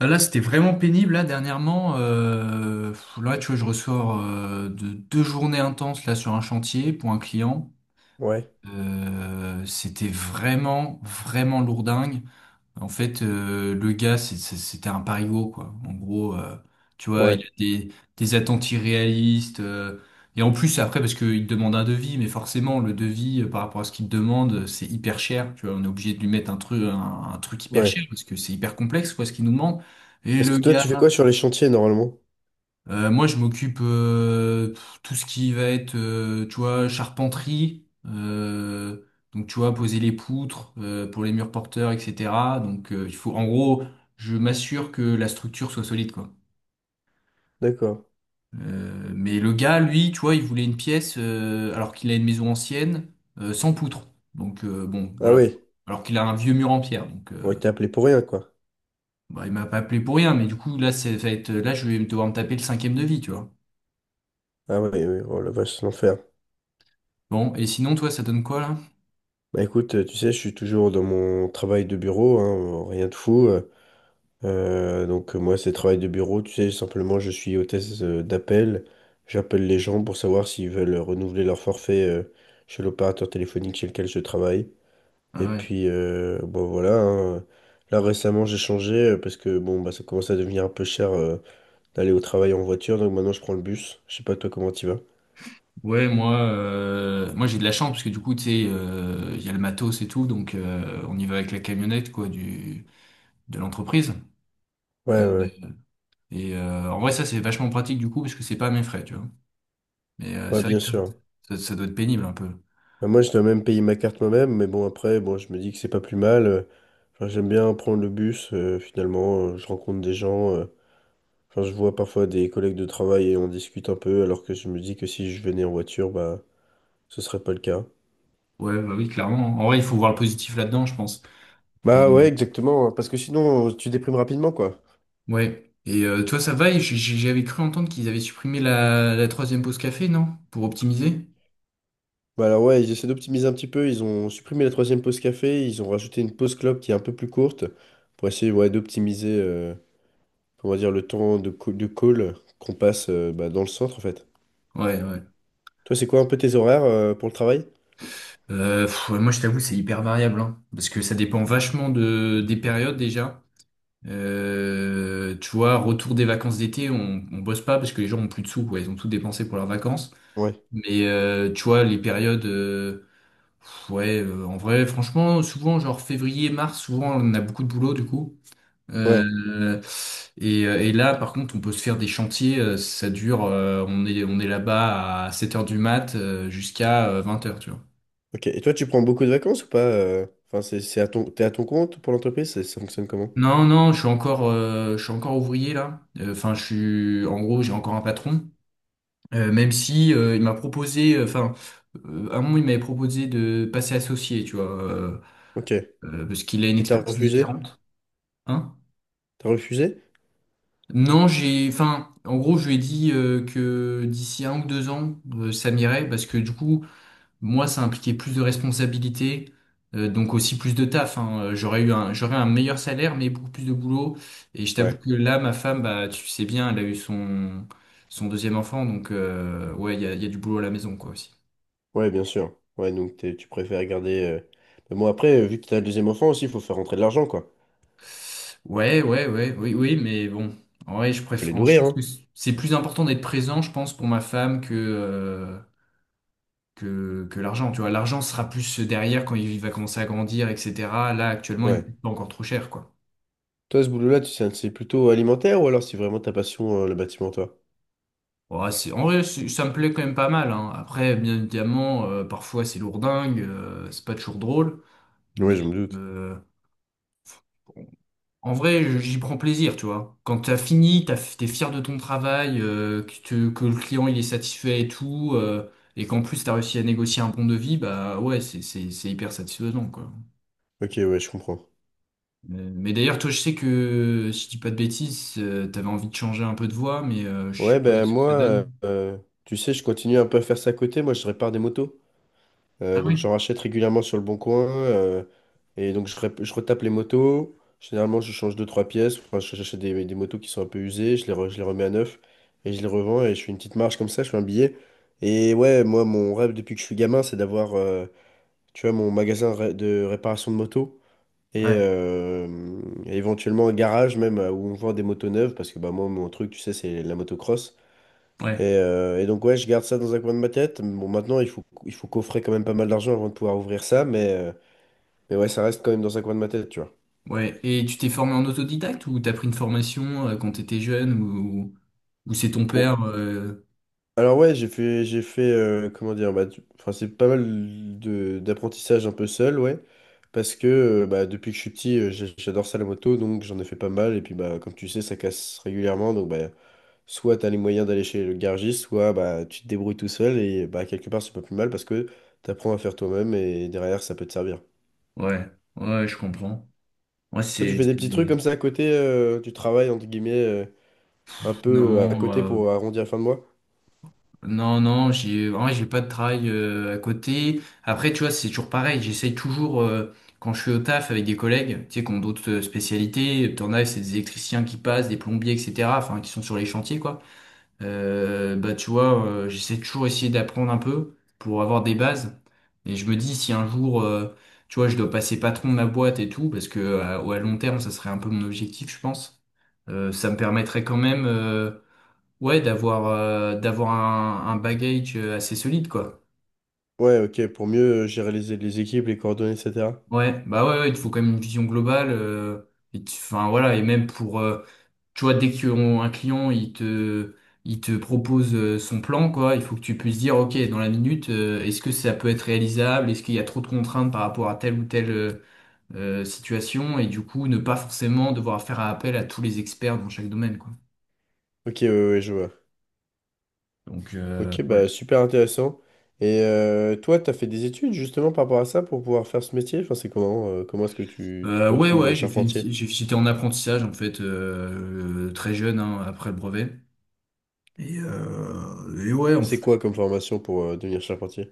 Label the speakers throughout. Speaker 1: Ah, là, c'était vraiment pénible, là, dernièrement. Là, tu vois, je ressors de deux journées intenses, là, sur un chantier pour un client.
Speaker 2: Ouais,
Speaker 1: C'était vraiment, vraiment lourdingue. En fait, le gars, c'était un parigot, quoi. En gros, tu vois, il
Speaker 2: ouais,
Speaker 1: a des attentes irréalistes. Et en plus, après, parce qu'il te demande un devis, mais forcément, le devis, par rapport à ce qu'il te demande, c'est hyper cher. Tu vois, on est obligé de lui mettre un truc, un truc hyper
Speaker 2: ouais.
Speaker 1: cher, parce que c'est hyper complexe, quoi, ce qu'il nous demande. Et
Speaker 2: Parce
Speaker 1: le
Speaker 2: que toi, tu fais
Speaker 1: gars,
Speaker 2: quoi sur les chantiers normalement?
Speaker 1: moi, je m'occupe tout ce qui va être, tu vois, charpenterie. Donc, tu vois, poser les poutres pour les murs porteurs, etc. Donc, il faut, en gros, je m'assure que la structure soit solide, quoi.
Speaker 2: D'accord.
Speaker 1: Mais le gars, lui, tu vois, il voulait une pièce alors qu'il a une maison ancienne sans poutres. Donc, bon,
Speaker 2: Ah
Speaker 1: voilà.
Speaker 2: oui,
Speaker 1: Alors qu'il a un vieux mur en pierre. Donc,
Speaker 2: ouais, t'es appelé pour rien, quoi.
Speaker 1: bah, il m'a pas appelé pour rien. Mais du coup, là, ça va être, là, je vais devoir me taper le cinquième devis, tu vois.
Speaker 2: Ah oui, oui, oh la vache, c'est l'enfer.
Speaker 1: Bon, et sinon, toi, ça donne quoi là?
Speaker 2: Bah écoute, tu sais, je suis toujours dans mon travail de bureau, hein, rien de fou. Donc moi, c'est travail de bureau, tu sais, simplement, je suis hôtesse d'appel. J'appelle les gens pour savoir s'ils veulent renouveler leur forfait chez l'opérateur téléphonique chez lequel je travaille. Et
Speaker 1: Ah ouais.
Speaker 2: puis, bon voilà, hein. Là, récemment, j'ai changé parce que bon, bah, ça commence à devenir un peu cher, d'aller au travail en voiture, donc maintenant je prends le bus. Je sais pas toi comment tu vas.
Speaker 1: Ouais, moi j'ai de la chance parce que du coup, tu sais, il y a le matos et tout, donc on y va avec la camionnette quoi du de l'entreprise. Euh,
Speaker 2: Ouais, ouais, ouais.
Speaker 1: et en vrai, ça c'est vachement pratique du coup parce que c'est pas à mes frais, tu vois. Mais
Speaker 2: Ouais,
Speaker 1: c'est vrai
Speaker 2: bien
Speaker 1: que toi,
Speaker 2: sûr.
Speaker 1: ça doit être pénible un peu.
Speaker 2: Bah, moi, je dois même payer ma carte moi-même, mais bon, après, bon, je me dis que c'est pas plus mal. Enfin, j'aime bien prendre le bus, finalement, je rencontre des gens. Enfin, je vois parfois des collègues de travail et on discute un peu, alors que je me dis que si je venais en voiture, bah, ce serait pas le cas.
Speaker 1: Ouais, bah oui, clairement. En vrai, il faut voir le positif là-dedans, je pense. Et,
Speaker 2: Bah ouais, exactement, parce que sinon, tu déprimes rapidement, quoi.
Speaker 1: ouais. Et toi, ça va? Et j'avais cru entendre qu'ils avaient supprimé la troisième pause café, non? Pour optimiser?
Speaker 2: Bah alors ouais, ils essaient d'optimiser un petit peu, ils ont supprimé la troisième pause café, ils ont rajouté une pause clope qui est un peu plus courte, pour essayer, ouais, d'optimiser, on va dire, le temps de, de call qu'on passe bah, dans le centre, en fait.
Speaker 1: Ouais, ouais.
Speaker 2: Toi, c'est quoi un peu tes horaires pour le travail?
Speaker 1: Ouais, moi, je t'avoue, c'est hyper variable, hein, parce que ça dépend vachement de des périodes déjà. Tu vois, retour des vacances d'été, on bosse pas parce que les gens ont plus de sous, quoi. Ils ont tout dépensé pour leurs vacances.
Speaker 2: Ouais,
Speaker 1: Mais tu vois, les périodes, en vrai, franchement, souvent, genre février, mars, souvent, on a beaucoup de boulot du coup.
Speaker 2: ouais.
Speaker 1: Euh, et là, par contre, on peut se faire des chantiers. Ça dure, on est là-bas à 7 heures du mat jusqu'à vingt heures, tu vois.
Speaker 2: Ok. Et toi, tu prends beaucoup de vacances ou pas? Enfin, c'est à ton, t'es à ton compte pour l'entreprise? Ça fonctionne comment?
Speaker 1: Non, non, je suis encore ouvrier là. Enfin, je suis, en gros, j'ai encore un patron. Même si il m'a proposé, enfin, à un moment, il m'avait proposé de passer associé, tu vois,
Speaker 2: Ok. Et
Speaker 1: parce qu'il a une
Speaker 2: t'as
Speaker 1: expertise
Speaker 2: refusé?
Speaker 1: différente. Hein?
Speaker 2: T'as refusé?
Speaker 1: Non, enfin, en gros, je lui ai dit que d'ici un ou deux ans, ça m'irait, parce que du coup, moi, ça impliquait plus de responsabilités, donc aussi plus de taf, hein. J'aurais un meilleur salaire, mais beaucoup plus de boulot. Et je t'avoue
Speaker 2: Ouais.
Speaker 1: que là, ma femme, bah, tu sais bien, elle a eu son deuxième enfant, donc ouais, il y a du boulot à la maison, quoi, aussi.
Speaker 2: Ouais, bien sûr. Ouais, donc tu préfères garder... Mais bon, après, vu que t'as le deuxième enfant aussi, il faut faire rentrer de l'argent, quoi.
Speaker 1: Ouais, ouais, ouais, oui, oui, mais bon, en vrai, je
Speaker 2: Faut les
Speaker 1: préfère, je
Speaker 2: nourrir,
Speaker 1: pense
Speaker 2: hein?
Speaker 1: que c'est plus important d'être présent, je pense, pour ma femme que, que l'argent. Tu vois, l'argent sera plus derrière quand il va commencer à grandir, etc. Là, actuellement, il me
Speaker 2: Ouais.
Speaker 1: coûte pas encore trop cher, quoi.
Speaker 2: Toi, ce boulot-là, tu sais, c'est plutôt alimentaire ou alors c'est vraiment ta passion, le bâtiment, toi?
Speaker 1: Ouais, en vrai, ça me plaît quand même pas mal, hein. Après, bien évidemment, parfois c'est lourdingue, c'est pas toujours drôle,
Speaker 2: Ouais,
Speaker 1: mais
Speaker 2: je me doute.
Speaker 1: euh, bon, en vrai, j'y prends plaisir, tu vois. Quand t'as fini, t'es fier de ton travail, que le client il est satisfait et tout, et qu'en plus t'as réussi à négocier un bon devis, bah ouais, c'est hyper satisfaisant, quoi.
Speaker 2: Ok, ouais, je comprends.
Speaker 1: Mais d'ailleurs, toi, je sais que, si je dis pas de bêtises, t'avais envie de changer un peu de voix, mais je sais
Speaker 2: Ouais,
Speaker 1: pas
Speaker 2: ben
Speaker 1: ce que
Speaker 2: moi,
Speaker 1: ça donne.
Speaker 2: tu sais, je continue un peu à faire ça à côté. Moi, je répare des motos.
Speaker 1: Ah
Speaker 2: Donc,
Speaker 1: oui?
Speaker 2: j'en rachète régulièrement sur le Bon Coin. Et donc, je retape les motos. Généralement, je change deux, trois pièces. Enfin, j'achète des motos qui sont un peu usées. Je les remets à neuf. Et je les revends. Et je fais une petite marge comme ça. Je fais un billet. Et ouais, moi, mon rêve depuis que je suis gamin, c'est d'avoir, tu vois, mon de réparation de motos. Et,
Speaker 1: Ouais,
Speaker 2: éventuellement un garage même où on vend des motos neuves. Parce que bah, moi, mon truc, tu sais, c'est la motocross. Et,
Speaker 1: ouais.
Speaker 2: donc ouais, je garde ça dans un coin de ma tête. Bon, maintenant, il faut coffrer quand même pas mal d'argent avant de pouvoir ouvrir ça, mais, mais ouais, ça reste quand même dans un coin de ma tête, tu vois.
Speaker 1: Ouais, et tu t'es formé en autodidacte ou t'as pris une formation quand t'étais jeune ou c'est ton
Speaker 2: Bon.
Speaker 1: père
Speaker 2: Alors ouais, j'ai fait, comment dire, bah, enfin, c'est pas mal de, d'apprentissage un peu seul, ouais, parce que bah, depuis que je suis petit, j'adore ça la moto, donc j'en ai fait pas mal, et puis bah, comme tu sais, ça casse régulièrement, donc bah, soit t'as les moyens d'aller chez le garagiste, soit bah, tu te débrouilles tout seul, et bah, quelque part, c'est pas plus mal, parce que t'apprends à faire toi-même, et derrière, ça peut te servir.
Speaker 1: ouais, ouais, je comprends. Moi,
Speaker 2: Toi, tu fais des
Speaker 1: c'est
Speaker 2: petits trucs
Speaker 1: des-
Speaker 2: comme ça à côté, tu travailles entre guillemets un peu à
Speaker 1: Non,
Speaker 2: côté pour arrondir la fin de mois?
Speaker 1: non, non, j'ai en vrai, j'ai pas de travail à côté. Après, tu vois, c'est toujours pareil. J'essaye toujours, quand je suis au taf avec des collègues, tu sais, qui ont d'autres spécialités, t'en as, c'est des électriciens qui passent, des plombiers, etc., enfin, qui sont sur les chantiers, quoi. Bah tu vois, j'essaie toujours essayer d'apprendre un peu pour avoir des bases. Et je me dis si un jour, tu vois, je dois passer patron de ma boîte et tout, parce que à long terme, ça serait un peu mon objectif, je pense. Ça me permettrait quand même, ouais, d'avoir un bagage assez solide, quoi.
Speaker 2: Ouais, ok, pour mieux gérer les équipes, les coordonnées, etc.
Speaker 1: Ouais, bah ouais, ouais, il te faut quand même une vision globale. Et enfin voilà, et même pour tu vois, dès qu'un client, il te propose son plan, quoi, il faut que tu puisses dire, OK, dans la minute, est-ce que ça peut être réalisable? Est-ce qu'il y a trop de contraintes par rapport à telle ou telle situation? Et du coup, ne pas forcément devoir faire appel à tous les experts dans chaque domaine, quoi.
Speaker 2: Ok, ouais, ouais, je vois.
Speaker 1: Donc,
Speaker 2: Ok,
Speaker 1: ouais.
Speaker 2: bah super intéressant. Et toi, tu as fait des études justement par rapport à ça pour pouvoir faire ce métier? Enfin, c'est comment, comment est-ce que tu te
Speaker 1: Ouais,
Speaker 2: retrouves
Speaker 1: ouais, j'ai fait une petite-
Speaker 2: charpentier?
Speaker 1: j'ai- j'étais en apprentissage, en fait, très jeune, hein, après le brevet. Et ouais, en
Speaker 2: C'est quoi comme formation pour devenir charpentier?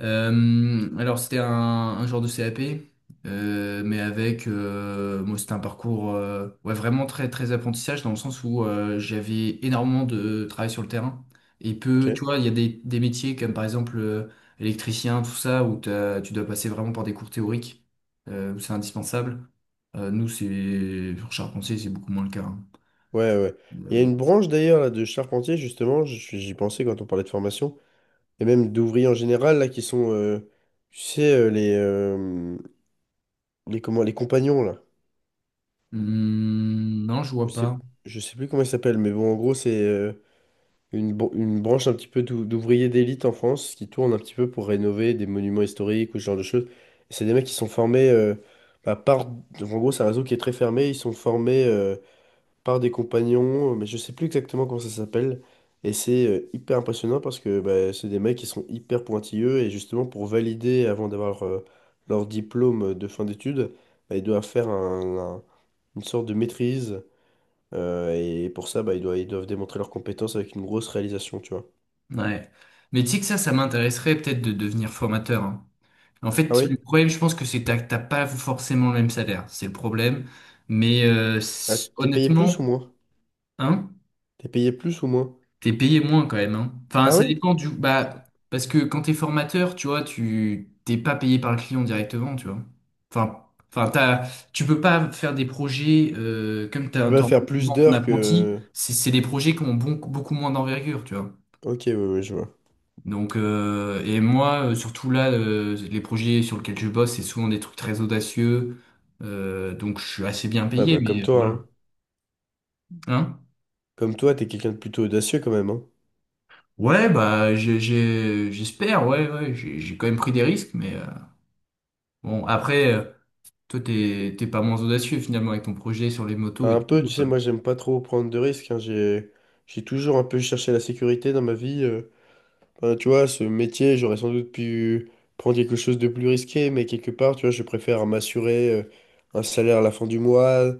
Speaker 1: Alors c'était un genre de CAP, mais avec moi c'était un parcours ouais, vraiment très très apprentissage dans le sens où j'avais énormément de travail sur le terrain et
Speaker 2: Ok.
Speaker 1: peu tu vois il y a des métiers comme par exemple électricien tout ça où tu dois passer vraiment par des cours théoriques où c'est indispensable. Nous c'est pour charpentier c'est beaucoup moins le cas, hein.
Speaker 2: Ouais, ouais. Il y a
Speaker 1: Euh,
Speaker 2: une branche d'ailleurs là, de charpentier, justement, j'y pensais quand on parlait de formation, et même d'ouvriers en général, là, qui sont, tu sais, les, comment, les compagnons, là.
Speaker 1: non, je vois
Speaker 2: Je sais,
Speaker 1: pas.
Speaker 2: je sais plus comment ils s'appellent, mais bon, en gros, c'est une, une branche un petit peu d'ouvriers d'élite en France qui tournent un petit peu pour rénover des monuments historiques ou ce genre de choses. Et c'est des mecs qui sont formés bah, par... Donc, en gros, c'est un réseau qui est très fermé. Ils sont formés par des compagnons, mais je sais plus exactement comment ça s'appelle. Et c'est hyper impressionnant parce que bah, c'est des mecs qui sont hyper pointilleux et justement pour valider avant d'avoir leur diplôme de fin d'études, bah, ils doivent faire une sorte de maîtrise. Et pour ça, bah, ils doivent démontrer leurs compétences avec une grosse réalisation, tu vois.
Speaker 1: Ouais. Mais tu sais que ça m'intéresserait peut-être de devenir formateur, hein. En
Speaker 2: Ah
Speaker 1: fait,
Speaker 2: oui?
Speaker 1: le problème, je pense que c'est que t'as pas forcément le même salaire. C'est le problème. Mais
Speaker 2: Ah, t'es payé plus
Speaker 1: honnêtement,
Speaker 2: ou moins?
Speaker 1: hein,
Speaker 2: T'es payé plus ou moins?
Speaker 1: t'es payé moins quand même, hein. Enfin,
Speaker 2: Ah
Speaker 1: ça
Speaker 2: oui?
Speaker 1: dépend du. Bah, parce que quand t'es formateur, tu vois, tu t'es pas payé par le client directement, tu vois. Enfin, enfin, tu peux pas faire des projets comme
Speaker 2: Tu peux pas faire plus
Speaker 1: souvent ton
Speaker 2: d'heures
Speaker 1: apprenti.
Speaker 2: que...
Speaker 1: C'est des projets qui ont beaucoup moins d'envergure, tu vois.
Speaker 2: Ok, ouais, ouais, je vois.
Speaker 1: Donc, et moi, surtout là, les projets sur lesquels je bosse, c'est souvent des trucs très audacieux. Donc, je suis assez bien
Speaker 2: Ouais,
Speaker 1: payé,
Speaker 2: bah comme
Speaker 1: mais
Speaker 2: toi,
Speaker 1: voilà.
Speaker 2: hein.
Speaker 1: Hein?
Speaker 2: Comme toi, t'es quelqu'un de plutôt audacieux quand même, hein.
Speaker 1: Ouais, bah, j'espère, ouais, ouais, j'ai quand même pris des risques, mais bon, après, toi, t'es pas moins audacieux finalement avec ton projet sur les motos
Speaker 2: Enfin,
Speaker 1: et
Speaker 2: un peu,
Speaker 1: tout.
Speaker 2: tu sais, moi j'aime pas trop prendre de risques, hein. J'ai toujours un peu cherché la sécurité dans ma vie. Enfin, tu vois, ce métier, j'aurais sans doute pu prendre quelque chose de plus risqué, mais quelque part, tu vois, je préfère m'assurer un salaire à la fin du mois.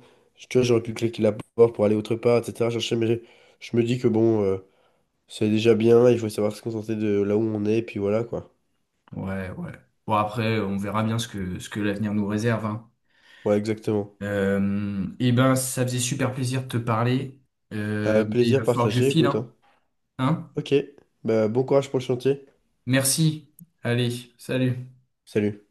Speaker 2: Tu vois, j'aurais pu claquer la porte pour aller autre part, etc., mais je me dis que bon, c'est déjà bien, il faut savoir se contenter de là où on est, et puis voilà quoi.
Speaker 1: Ouais, ouais. Bon, après, on verra bien ce que l'avenir nous réserve, hein.
Speaker 2: Ouais, exactement.
Speaker 1: Eh ben, ça faisait super plaisir de te parler. Mais il va
Speaker 2: Plaisir
Speaker 1: falloir que je
Speaker 2: partagé,
Speaker 1: file,
Speaker 2: écoute,
Speaker 1: hein.
Speaker 2: hein.
Speaker 1: Hein.
Speaker 2: Ok, bah, bon courage pour le chantier.
Speaker 1: Merci. Allez, salut.
Speaker 2: Salut.